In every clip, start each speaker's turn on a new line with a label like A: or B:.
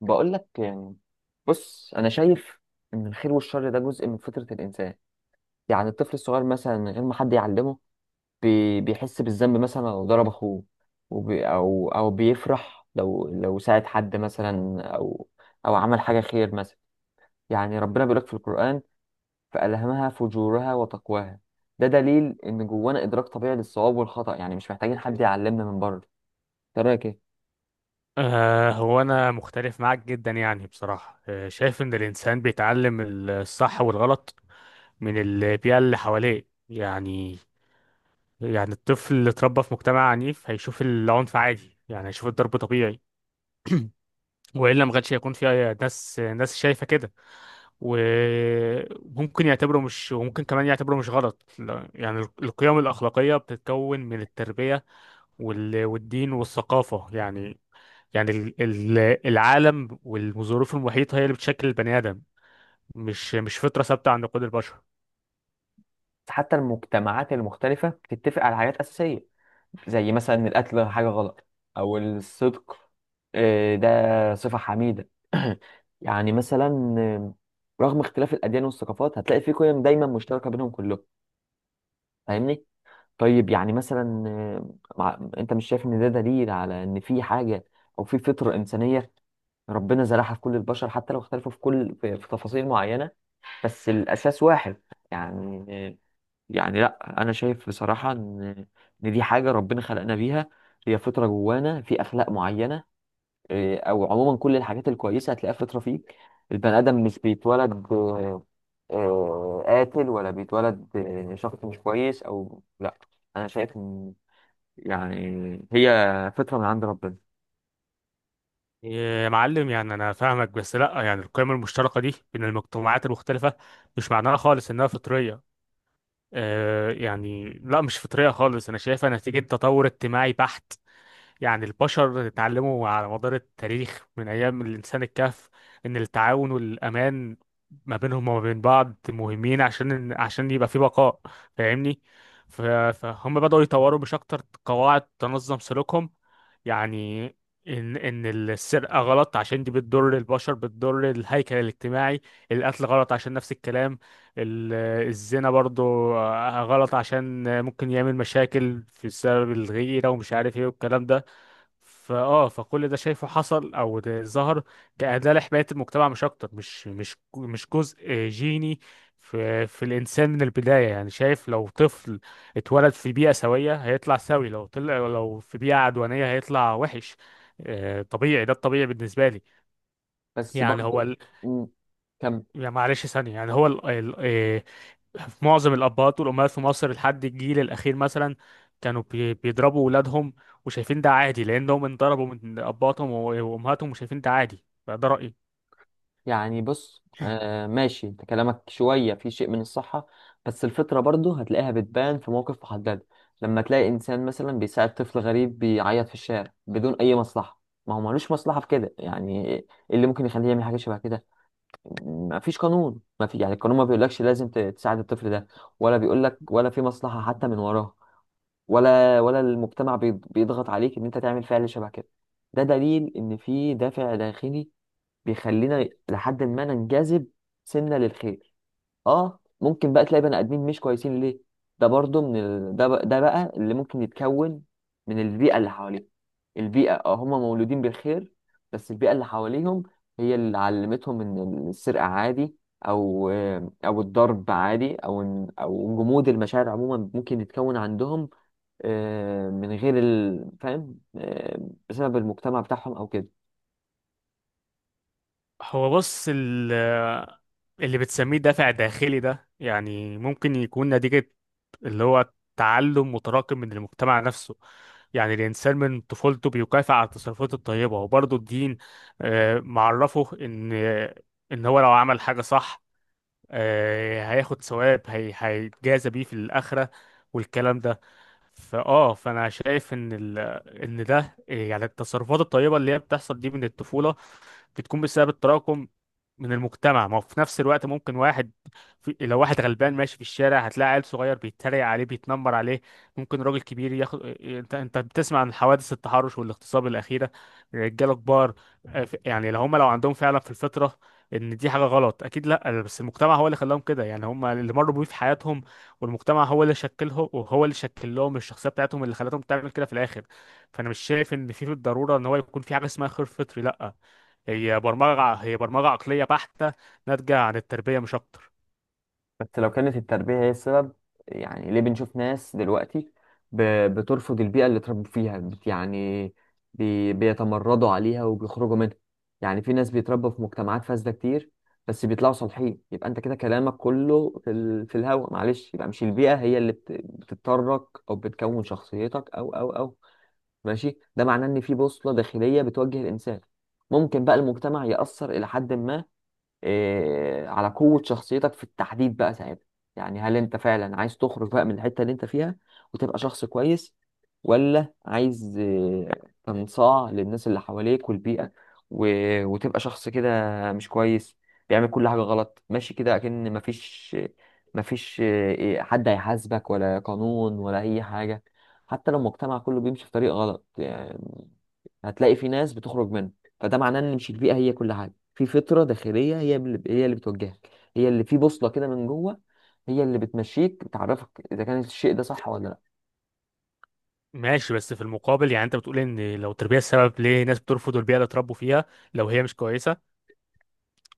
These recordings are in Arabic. A: بقول لك يعني بص انا شايف ان الخير والشر ده جزء من فطرة الانسان. يعني الطفل الصغير مثلا من غير ما حد يعلمه بيحس بالذنب مثلا لو ضرب اخوه. وبي او او بيفرح لو ساعد حد مثلا او عمل حاجة خير مثلا. يعني ربنا بيقول لك في القرآن: فألهمها فجورها وتقواها. ده دليل ان جوانا ادراك طبيعي للصواب والخطأ، يعني مش محتاجين حد يعلمنا من بره. ترى
B: هو أنا مختلف معاك جدا، يعني بصراحة شايف إن الإنسان بيتعلم الصح والغلط من البيئة اللي حواليه. يعني يعني الطفل اللي اتربى في مجتمع عنيف هيشوف العنف عادي، يعني هيشوف الضرب طبيعي، وإلا ما كانش هيكون في ناس شايفة كده. وممكن كمان يعتبره مش غلط. لا، يعني القيم الأخلاقية بتتكون من التربية والدين والثقافة، يعني العالم والظروف المحيطة هي اللي بتشكل البني آدم، مش فطرة ثابتة عند كل البشر.
A: حتى المجتمعات المختلفة بتتفق على حاجات أساسية، زي مثلا إن القتل حاجة غلط، أو الصدق. ده صفة حميدة. يعني مثلا رغم اختلاف الأديان والثقافات هتلاقي في قيم دايما مشتركة بينهم كلهم. فاهمني؟ طيب يعني مثلا أنت مش شايف إن ده دليل على إن في حاجة، أو في فطرة إنسانية ربنا زرعها في كل البشر حتى لو اختلفوا في كل في تفاصيل معينة؟ بس الأساس واحد يعني. لا، انا شايف بصراحه ان دي حاجه ربنا خلقنا بيها. هي فطره جوانا في اخلاق معينه. او عموما كل الحاجات الكويسه هتلاقيها فطره فيك. البني ادم مش بيتولد قاتل، ولا بيتولد شخص مش كويس، او لا. انا شايف ان يعني هي فطره من عند ربنا.
B: يا معلم، يعني أنا فاهمك، بس لأ، يعني القيم المشتركة دي بين المجتمعات المختلفة مش معناها خالص إنها فطرية. يعني لأ، مش فطرية خالص، أنا شايفها نتيجة تطور اجتماعي بحت. يعني البشر اتعلموا على مدار التاريخ من أيام الإنسان الكهف إن التعاون والأمان ما بينهم وما بين بعض مهمين عشان يبقى في بقاء، فاهمني؟ ف- فهم بدأوا يطوروا مش أكتر قواعد تنظم سلوكهم. يعني إن السرقة غلط عشان دي بتضر البشر، بتضر الهيكل الاجتماعي، القتل غلط عشان نفس الكلام، ال- الزنا برضو غلط عشان ممكن يعمل مشاكل في السبب الغيرة ومش عارف ايه والكلام ده. فكل ده شايفه حصل او ده ظهر كأداة لحماية المجتمع، مش اكتر، مش جزء جيني في الانسان من البداية. يعني شايف لو طفل اتولد في بيئة سوية هيطلع سوي، لو في بيئة عدوانية هيطلع وحش. طبيعي، ده الطبيعي بالنسبة لي.
A: بس
B: يعني
A: برضه. مم، كمل.
B: يعني معلش ثانية، يعني هو ال... ال... آه، في معظم الابهات والامهات في مصر لحد الجيل الاخير مثلا كانوا بيضربوا ولادهم وشايفين ده عادي لانهم انضربوا من اباتهم وامهاتهم وشايفين ده عادي، فده رايي.
A: يعني بص، ماشي، انت كلامك شوية في شيء من الصحة، بس الفطرة برضو هتلاقيها بتبان في موقف محدد. لما تلاقي إنسان مثلا بيساعد طفل غريب بيعيط في الشارع بدون أي مصلحة، ما هو ملوش مصلحة في كده، يعني إيه اللي ممكن يخليه يعمل حاجة شبه كده؟ ما فيش قانون، ما في يعني القانون ما بيقولكش لازم تساعد الطفل ده، ولا بيقولك، ولا في مصلحة حتى من وراه، ولا المجتمع بيضغط عليك إن أنت تعمل فعل شبه كده. ده دليل إن في دافع داخلي بيخلينا لحد ما ننجذب سنة للخير. اه، ممكن بقى تلاقي بني ادمين مش كويسين. ليه؟ ده برضو من ده بقى اللي ممكن يتكون من البيئة اللي حواليهم. البيئة، اه، هم مولودين بالخير بس البيئة اللي حواليهم هي اللي علمتهم ان السرقة عادي، او الضرب عادي، او جمود المشاعر عموما ممكن يتكون عندهم من غير فاهم، بسبب المجتمع بتاعهم او كده.
B: هو بص، اللي بتسميه دافع داخلي ده يعني ممكن يكون نتيجة اللي هو تعلم متراكم من المجتمع نفسه. يعني الإنسان من طفولته بيكافئ على التصرفات الطيبة، وبرضه الدين، معرفه إن هو لو عمل حاجة صح هياخد ثواب، هيتجازى بيه في الآخرة والكلام ده. فانا شايف ان ده يعني التصرفات الطيبه اللي هي بتحصل دي من الطفوله بتكون بسبب التراكم من المجتمع. ما هو في نفس الوقت ممكن واحد لو واحد غلبان ماشي في الشارع هتلاقي عيل صغير بيتريق عليه بيتنمر عليه، ممكن راجل كبير ياخد انت انت بتسمع عن حوادث التحرش والاغتصاب الاخيره، رجاله كبار. يعني لو عندهم فعلا في الفطره ان دي حاجه غلط اكيد لا، بس المجتمع هو اللي خلاهم كده، يعني هم اللي مروا بيه في حياتهم، والمجتمع هو اللي شكلهم وهو اللي شكل لهم الشخصيه بتاعتهم اللي خلتهم تعمل كده في الاخر. فانا مش شايف ان في بالضروره ان هو يكون في حاجه اسمها خير فطري، لا، هي برمجه، هي برمجه عقليه بحته ناتجه عن التربيه مش اكتر.
A: بس لو كانت التربية هي السبب، يعني ليه بنشوف ناس دلوقتي ب- بترفض البيئة اللي اتربوا فيها؟ يعني بيتمردوا عليها وبيخرجوا منها. يعني في ناس بيتربوا في مجتمعات فاسدة كتير بس بيطلعوا صالحين، يبقى انت كده كلامك كله في الهوا، معلش. يبقى مش البيئة هي اللي بتضطرك او بتكون شخصيتك، او او او ماشي. ده معناه ان في بوصلة داخلية بتوجه الانسان. ممكن بقى المجتمع يأثر إلى حد ما، على قوة شخصيتك في التحديد بقى ساعتها. يعني هل انت فعلا عايز تخرج بقى من الحتة اللي انت فيها وتبقى شخص كويس، ولا عايز، تنصاع للناس اللي حواليك والبيئة و... وتبقى شخص كده مش كويس بيعمل كل حاجة غلط؟ ماشي كده، أكن مفيش. مفيش آه، إيه، حد هيحاسبك ولا قانون ولا أي حاجة. حتى لو المجتمع كله بيمشي في طريق غلط، يعني هتلاقي في ناس بتخرج منه. فده معناه ان مش البيئه هي كل حاجه، في فطره داخليه هي اللي بتوجهك، هي اللي في بوصله كده من جوه، هي اللي بتمشيك بتعرفك اذا كان الشيء ده صح ولا لا.
B: ماشي، بس في المقابل، يعني انت بتقول ان لو التربيه السبب، ليه ناس بترفض البيئه اللي اتربوا فيها لو هي مش كويسه؟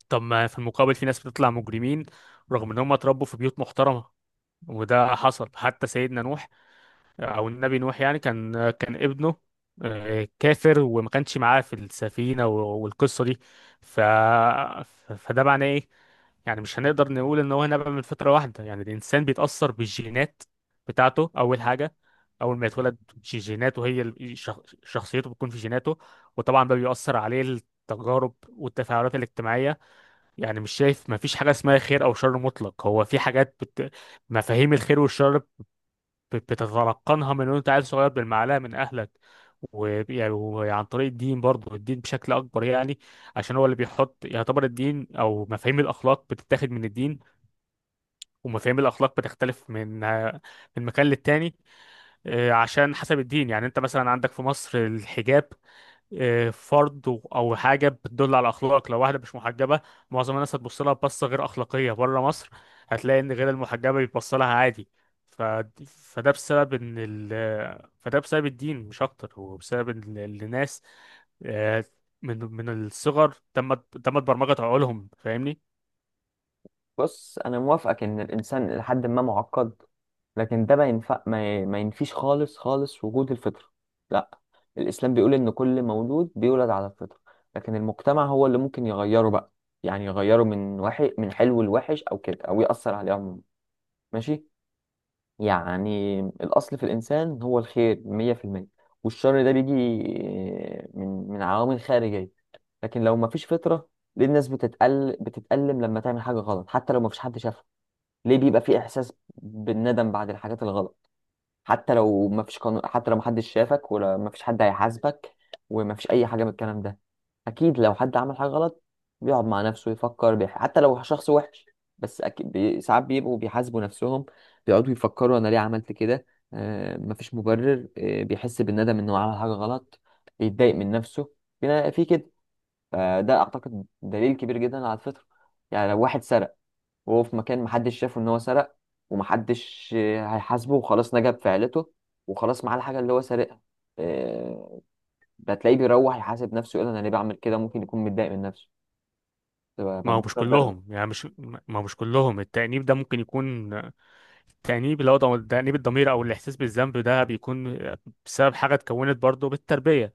B: طب ما في المقابل في ناس بتطلع مجرمين رغم ان هم اتربوا في بيوت محترمه. وده حصل حتى سيدنا نوح او النبي نوح، يعني كان ابنه كافر وما كانش معاه في السفينه والقصه دي. فده معناه ايه؟ يعني مش هنقدر نقول ان هو نبع من فتره واحده، يعني الانسان بيتاثر بالجينات بتاعته اول حاجه. اول ما يتولد جيناته هي شخصيته بتكون في جيناته، وطبعا بقى بيأثر عليه التجارب والتفاعلات الاجتماعيه. يعني مش شايف، ما فيش حاجه اسمها خير او شر مطلق، هو في حاجات مفاهيم الخير والشر بتتلقنها من وانت عيل صغير بالمعلقه من اهلك. ويعني وعن طريق الدين برضه، الدين بشكل اكبر يعني، عشان هو اللي بيحط، يعتبر الدين، او مفاهيم الاخلاق بتتاخد من الدين. ومفاهيم الاخلاق بتختلف من مكان للتاني، عشان حسب الدين. يعني انت مثلا عندك في مصر الحجاب فرض او حاجه بتدل على اخلاق، لو واحده مش محجبه معظم الناس هتبص لها بصه غير اخلاقيه. بره مصر هتلاقي ان غير المحجبه بيتبص لها عادي. ف... فده بسبب ان ال... فده بسبب الدين مش اكتر، هو بسبب ان الناس آه، من الصغر تمت برمجه عقولهم، فاهمني؟
A: بص، انا موافقك ان الانسان لحد ما معقد، لكن ده ما ينفع، ما ينفيش خالص وجود الفطره، لا. الاسلام بيقول ان كل مولود بيولد على الفطره، لكن المجتمع هو اللي ممكن يغيره بقى. يعني يغيره من وحي من حلو لوحش او كده، او يأثر عليه عموما، ماشي. يعني الأصل في الإنسان هو الخير مية في المية، والشر ده بيجي من عوامل خارجية. لكن لو مفيش فطرة، ليه الناس بتتقل بتتألم لما تعمل حاجة غلط حتى لو مفيش حد شافها؟ ليه بيبقى في إحساس بالندم بعد الحاجات الغلط، حتى لو ما فيش قانون، حتى لو ما حدش شافك، ولا ما فيش حد هيحاسبك، وما فيش اي حاجه من الكلام ده؟ اكيد لو حد عمل حاجه غلط بيقعد مع نفسه يفكر، حتى لو شخص وحش بس اكيد، ساعات بيبقوا بيحاسبوا نفسهم، بيقعدوا يفكروا: انا ليه عملت كده؟ آه، مفيش مبرر. آه، بيحس بالندم انه عمل حاجه غلط، بيتضايق من نفسه. في كده. فده اعتقد دليل كبير جدا على الفطره. يعني لو واحد سرق وهو في مكان محدش شافه ان هو سرق، ومحدش هيحاسبه، وخلاص نجا بفعلته، وخلاص معاه الحاجة اللي هو سارقها، آه، هتلاقيه بيروح يحاسب نفسه، يقول: انا ليه بعمل كده؟ ممكن يكون متضايق من نفسه، تبقى
B: ما هو مش
A: بتذكر ده بقى.
B: كلهم يعني مش ما هو مش كلهم، التأنيب ده ممكن يكون، التأنيب اللي هو تأنيب الضمير أو الإحساس بالذنب ده بيكون بسبب حاجة اتكونت برضه بالتربية.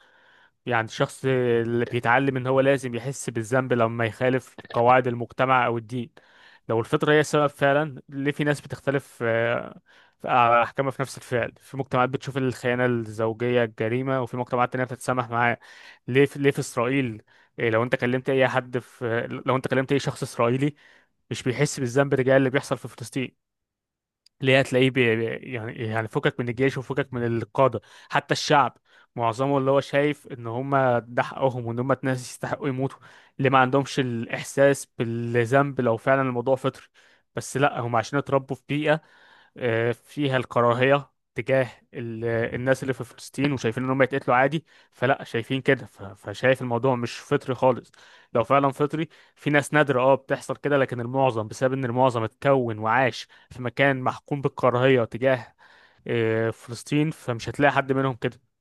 B: يعني الشخص اللي بيتعلم ان هو لازم يحس بالذنب لما يخالف قواعد المجتمع او الدين. لو الفطرة هي السبب فعلا، ليه في ناس بتختلف آه، في آه، احكامها في نفس الفعل؟ في مجتمعات بتشوف الخيانة الزوجية جريمة وفي مجتمعات تانية بتتسامح معاه. ليه في اسرائيل، إيه، لو انت كلمت اي حد في لو انت كلمت اي شخص اسرائيلي مش بيحس بالذنب تجاه اللي بيحصل في فلسطين؟ اللي هي تلاقيه يعني فكك من الجيش وفكك من القادة، حتى الشعب معظمه اللي هو شايف ان هم ده حقهم وان هم ناس يستحقوا يموتوا، اللي ما عندهمش الاحساس بالذنب. لو فعلا الموضوع فطري، بس لا، هم عشان اتربوا في بيئة فيها الكراهية تجاه الناس اللي في فلسطين، وشايفين ان هم يتقتلوا عادي، فلا شايفين كده. فشايف الموضوع مش فطري خالص. لو فعلا فطري في ناس نادرة بتحصل كده، لكن المعظم بسبب ان المعظم اتكون وعاش في مكان محكوم بالكراهية تجاه فلسطين، فمش هتلاقي حد منهم كده.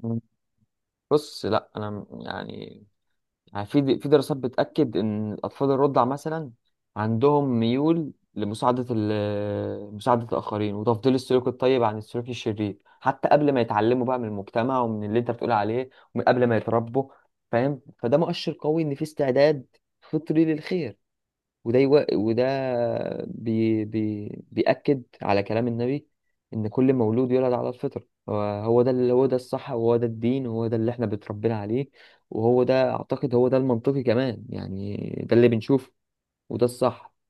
A: مم. بص، لا، انا يعني، في دراسات بتأكد إن الأطفال الرضع مثلا عندهم ميول لمساعدة مساعدة الآخرين وتفضيل السلوك الطيب عن السلوك الشرير حتى قبل ما يتعلموا بقى من المجتمع ومن اللي أنت بتقول عليه ومن قبل ما يتربوا. فاهم، فده مؤشر قوي إن في استعداد فطري للخير. وده بيأكد على كلام النبي إن كل مولود يولد على الفطرة. هو ده اللي، هو ده الصح، وهو ده الدين، وهو ده اللي احنا بتربينا عليه، وهو ده أعتقد هو ده المنطقي كمان يعني. ده اللي بنشوفه، وده الصح.